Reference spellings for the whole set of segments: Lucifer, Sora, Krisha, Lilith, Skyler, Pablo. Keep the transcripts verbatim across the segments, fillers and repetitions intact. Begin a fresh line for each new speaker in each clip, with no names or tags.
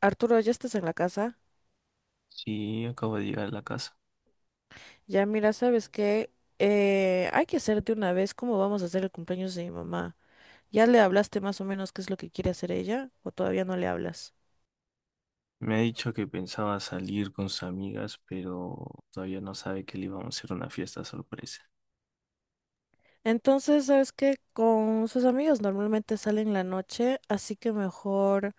Arturo, ya estás en la casa.
Sí, acabo de llegar a la casa.
Ya, mira, ¿sabes qué? Eh, hay que hacerte una vez cómo vamos a hacer el cumpleaños de mi mamá. ¿Ya le hablaste más o menos qué es lo que quiere hacer ella? ¿O todavía no le hablas?
Me ha dicho que pensaba salir con sus amigas, pero todavía no sabe que le íbamos a hacer una fiesta sorpresa.
Entonces, ¿sabes qué? Con sus amigos normalmente salen la noche, así que mejor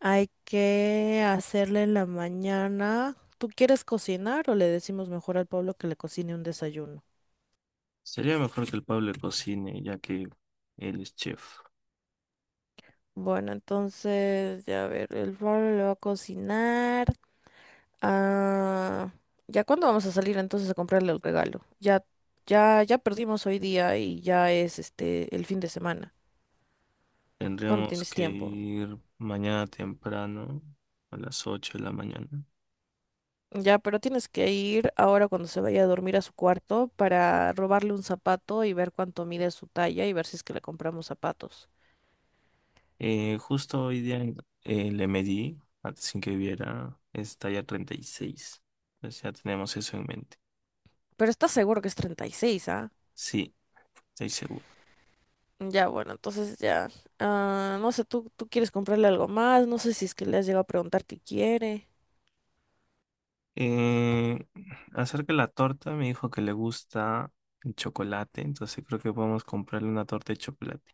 hay que hacerle en la mañana. ¿Tú quieres cocinar o le decimos mejor al pueblo que le cocine un desayuno?
Sería mejor que el Pablo cocine, ya que él es chef.
Bueno, entonces, ya a ver, el pueblo le va a cocinar. Ah, ¿Ya cuándo vamos a salir entonces a comprarle el regalo? Ya, ya, ya perdimos hoy día y ya es este el fin de semana. ¿Cuándo
Tendríamos
tienes
que
tiempo?
ir mañana temprano, a las ocho de la mañana.
Ya, pero tienes que ir ahora cuando se vaya a dormir a su cuarto para robarle un zapato y ver cuánto mide su talla y ver si es que le compramos zapatos.
Eh, justo hoy día eh, le medí, antes sin que viera, es talla treinta y seis. Entonces ya tenemos eso en mente.
Pero estás seguro que es treinta y seis, ¿ah?
Sí, estoy seguro.
Ya, bueno, entonces ya. Ah, no sé, ¿tú, tú quieres comprarle algo más? No sé si es que le has llegado a preguntar qué quiere.
Eh, Acerca de la torta, me dijo que le gusta el chocolate, entonces creo que podemos comprarle una torta de chocolate.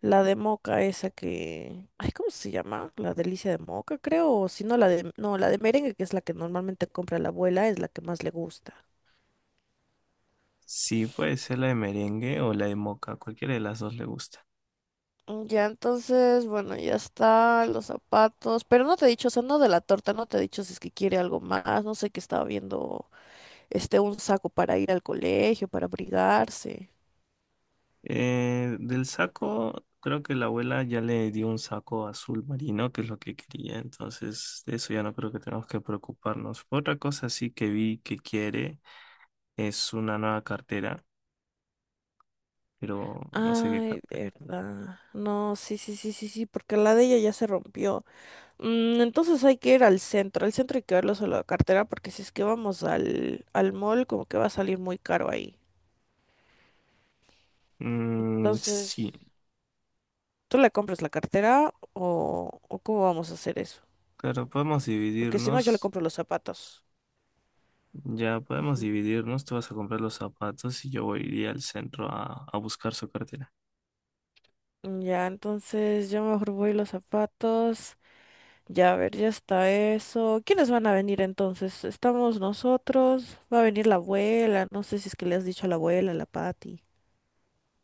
La de moca esa que... Ay, ¿cómo se llama? La delicia de moca, creo. O si no, la de... No, la de merengue, que es la que normalmente compra la abuela, es la que más le gusta.
Sí, puede ser la de merengue o la de moca, cualquiera de las dos le gusta.
Mm, ya, entonces, bueno, ya está, los zapatos, pero no te he dicho, o sea, no de la torta, no te he dicho si es que quiere algo más, no sé que estaba viendo, este, un saco para ir al colegio, para abrigarse.
Eh, del saco, creo que la abuela ya le dio un saco azul marino, que es lo que quería, entonces de eso ya no creo que tengamos que preocuparnos. Otra cosa sí que vi que quiere es una nueva cartera, pero no sé qué
Ay,
cartera.
verdad. No, sí, sí, sí, sí, sí, porque la de ella ya se rompió. Mm, entonces hay que ir al centro. Al centro hay que verlo solo la cartera porque si es que vamos al, al mall, como que va a salir muy caro ahí.
Mm,
Entonces,
sí,
¿tú le compras la cartera o, o cómo vamos a hacer eso?
claro, podemos
Porque si no, yo le
dividirnos.
compro los zapatos.
Ya podemos
Ujú.
dividirnos, tú vas a comprar los zapatos y yo voy a al centro a, a buscar su cartera.
Ya, entonces yo mejor voy los zapatos. Ya, a ver, ya está eso. ¿Quiénes van a venir entonces? Estamos nosotros. Va a venir la abuela. No sé si es que le has dicho a la abuela, a la Patti.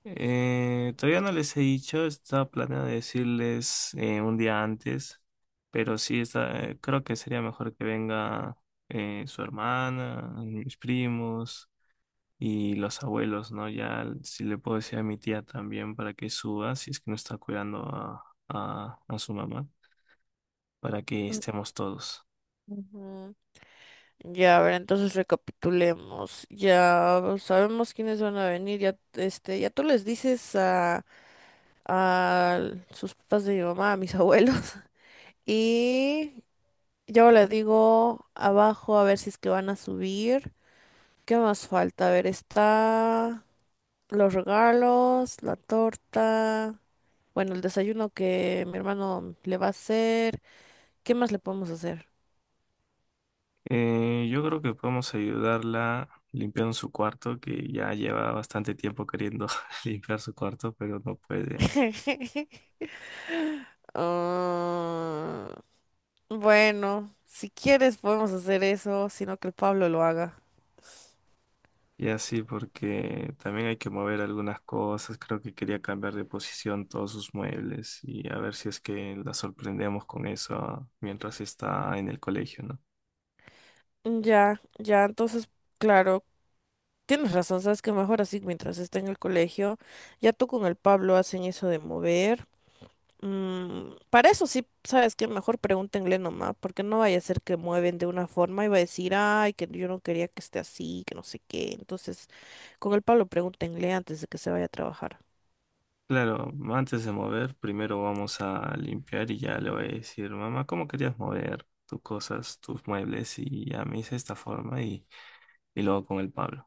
Eh, todavía no les he dicho, estaba planeado decirles eh, un día antes, pero sí, está, eh, creo que sería mejor que venga eh, su hermana, mis primos y los abuelos, ¿no? Ya si le puedo decir a mi tía también para que suba, si es que no está cuidando a, a, a su mamá, para que
Mm,
estemos todos.
ujú. Ya, a ver, entonces recapitulemos. Ya sabemos quiénes van a venir. Ya, este, ya tú les dices a, a sus papás de mi mamá, a mis abuelos. Y yo le digo abajo a ver si es que van a subir. ¿Qué más falta? A ver, está los regalos, la torta, bueno, el desayuno que mi hermano le va a hacer. ¿Qué más le podemos hacer?
Eh, yo creo que podemos ayudarla limpiando su cuarto, que ya lleva bastante tiempo queriendo limpiar su cuarto, pero no puede.
Ah, Bueno, si quieres podemos hacer eso, sino que el Pablo lo haga.
Y así porque también hay que mover algunas cosas. Creo que quería cambiar de posición todos sus muebles y a ver si es que la sorprendemos con eso mientras está en el colegio, ¿no?
Ya, ya, entonces, claro, tienes razón, sabes que mejor así mientras esté en el colegio, ya tú con el Pablo hacen eso de mover. Mm, para eso sí, sabes que mejor pregúntenle nomás, porque no vaya a ser que mueven de una forma y va a decir, ay, que yo no quería que esté así, que no sé qué. Entonces, con el Pablo pregúntenle antes de que se vaya a trabajar.
Claro, antes de mover, primero vamos a limpiar y ya le voy a decir, mamá, ¿cómo querías mover tus cosas, tus muebles? Y ya me hice esta forma y, y luego con el Pablo.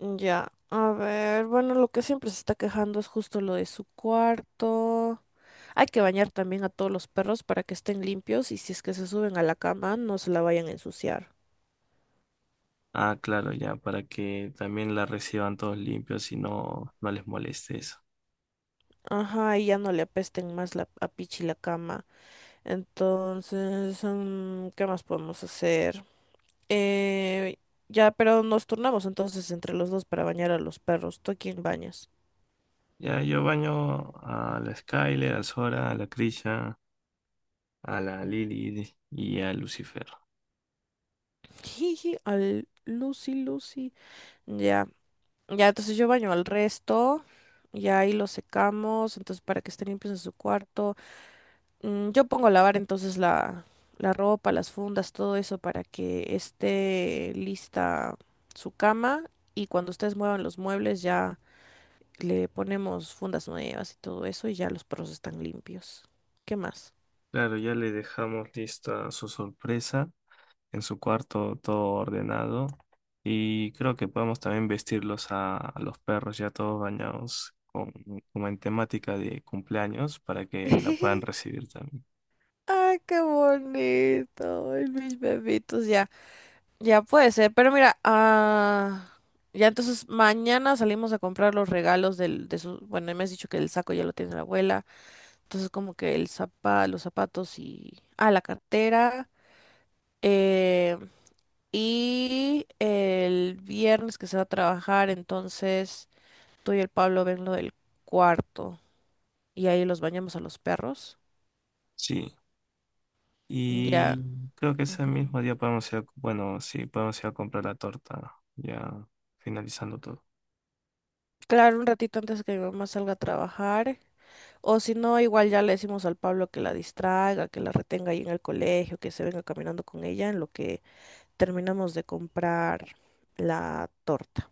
Ya, a ver, bueno, lo que siempre se está quejando es justo lo de su cuarto. Hay que bañar también a todos los perros para que estén limpios y si es que se suben a la cama, no se la vayan a ensuciar.
Ah, claro, ya, para que también la reciban todos limpios y no, no les moleste eso.
Ajá, y ya no le apesten más la, a Pichi la cama. Entonces, mm, ¿qué más podemos hacer? Eh, ya, pero nos turnamos entonces entre los dos para bañar a los perros. ¿Tú a quién bañas?
Ya, yo baño a la Skyler, a Sora, a la Krisha, a la Lilith y a Lucifer.
Jiji, al Lucy, Lucy. Ya. Ya, entonces yo baño al resto. Y ahí los secamos, entonces para que estén limpios en su cuarto. Mm, yo pongo a lavar entonces la, la ropa, las fundas, todo eso para que esté lista su cama. Y cuando ustedes muevan los muebles ya le ponemos fundas nuevas y todo eso y ya los perros están limpios. ¿Qué más?
Claro, ya le dejamos lista su sorpresa en su cuarto, todo ordenado. Y creo que podemos también vestirlos a, a los perros ya todos bañados con, como en temática de cumpleaños para que la puedan recibir también.
¡Ay, qué bonito! Ay, mis bebitos ya. Ya puede ser, pero mira, ah, ya entonces mañana salimos a comprar los regalos del, de su, bueno, me has dicho que el saco ya lo tiene la abuela, entonces como que el zapa, los zapatos y, ah, la cartera, eh, y el viernes que se va a trabajar, entonces tú y el Pablo ven lo del cuarto y ahí los bañamos a los perros,
Sí.
ya,
Y creo que ese
ujú.
mismo día podemos ir a, bueno, sí, podemos ir a comprar la torta, ya finalizando todo.
Claro, un ratito antes de que mi mamá salga a trabajar. O si no, igual ya le decimos al Pablo que la distraiga, que la retenga ahí en el colegio, que se venga caminando con ella en lo que terminamos de comprar la torta.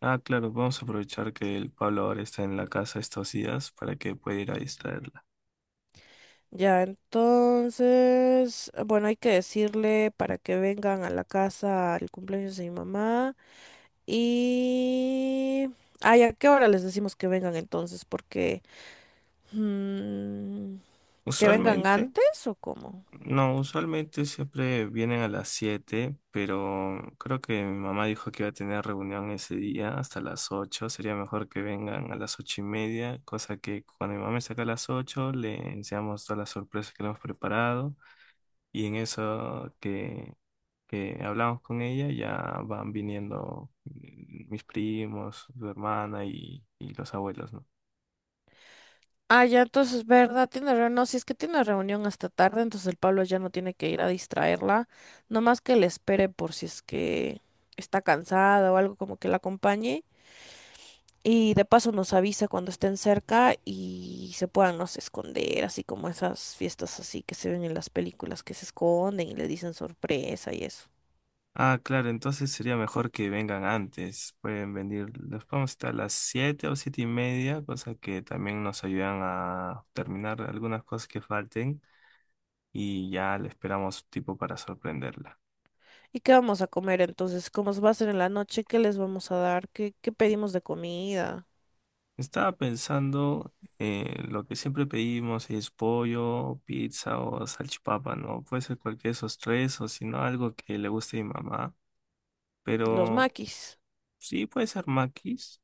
Ah, claro, vamos a aprovechar que el Pablo ahora está en la casa estos días para que pueda ir a distraerla.
Ya, entonces, bueno, hay que decirle para que vengan a la casa al cumpleaños de mi mamá. Y... Ay, ¿a qué hora les decimos que vengan entonces? Porque... mm, ¿que vengan
Usualmente,
antes o cómo?
no, usualmente siempre vienen a las siete, pero creo que mi mamá dijo que iba a tener reunión ese día hasta las ocho. Sería mejor que vengan a las ocho y media, cosa que cuando mi mamá me saca a las ocho le enseñamos todas las sorpresas que le hemos preparado. Y en eso que, que hablamos con ella, ya van viniendo mm, mis primos, su hermana y, y los abuelos, ¿no?
Ah, ya, entonces, ¿verdad? Tiene reunión. No, si es que tiene reunión hasta tarde, entonces el Pablo ya no tiene que ir a distraerla. Nomás que le espere por si es que está cansada o algo como que la acompañe. Y de paso nos avisa cuando estén cerca y se puedan, no sé, esconder, así como esas fiestas así que se ven en las películas que se esconden y le dicen sorpresa y eso.
Ah, claro, entonces sería mejor que vengan antes. Pueden venir, los podemos estar a las siete o siete y media, cosa que también nos ayudan a terminar algunas cosas que falten y ya le esperamos tipo para sorprenderla.
¿Y qué vamos a comer entonces? ¿Cómo va a ser en la noche? ¿Qué les vamos a dar? ¿Qué, qué pedimos de comida?
Estaba pensando en lo que siempre pedimos, es pollo, pizza o salchipapa, ¿no? Puede ser cualquiera de esos tres o si no algo que le guste a mi mamá.
Los
Pero
maquis.
sí puede ser maquis,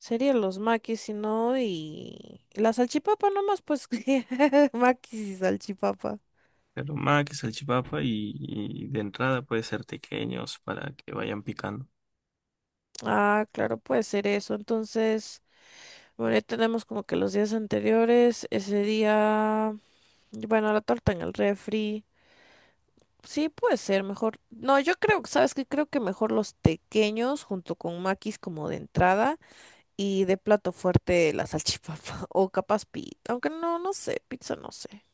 Serían los maquis, si no, y y la salchipapa nomás, pues que maquis y salchipapa.
pero maquis, salchipapa y, y de entrada puede ser pequeños para que vayan picando.
Ah, claro, puede ser eso. Entonces, bueno, ya tenemos como que los días anteriores, ese día, bueno, la torta en el refri. Sí, puede ser mejor. No, yo creo, ¿sabes qué? Creo que mejor los tequeños junto con maquis como de entrada y de plato fuerte la salchipapa o capaz pizza, aunque no, no sé, pizza no sé.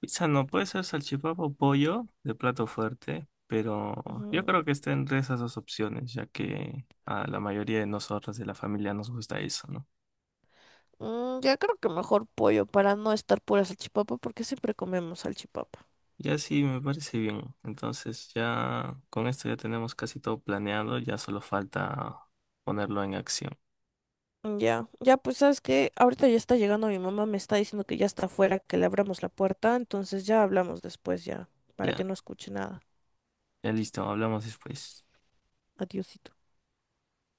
Pizza no, puede ser salchipapa o pollo de plato fuerte, pero yo creo que está entre esas dos opciones, ya que a la mayoría de nosotros de la familia nos gusta eso, ¿no?
Mm, ya creo que mejor pollo para no estar pura salchipapa porque siempre comemos salchipapa.
Ya sí, me parece bien. Entonces ya con esto ya tenemos casi todo planeado, ya solo falta ponerlo en acción.
Mm, ya, ya pues sabes que ahorita ya está llegando mi mamá, me está diciendo que ya está afuera, que le abramos la puerta, entonces ya hablamos después ya, para
Ya,
que no escuche nada.
ya listo, hablamos después.
Adiósito.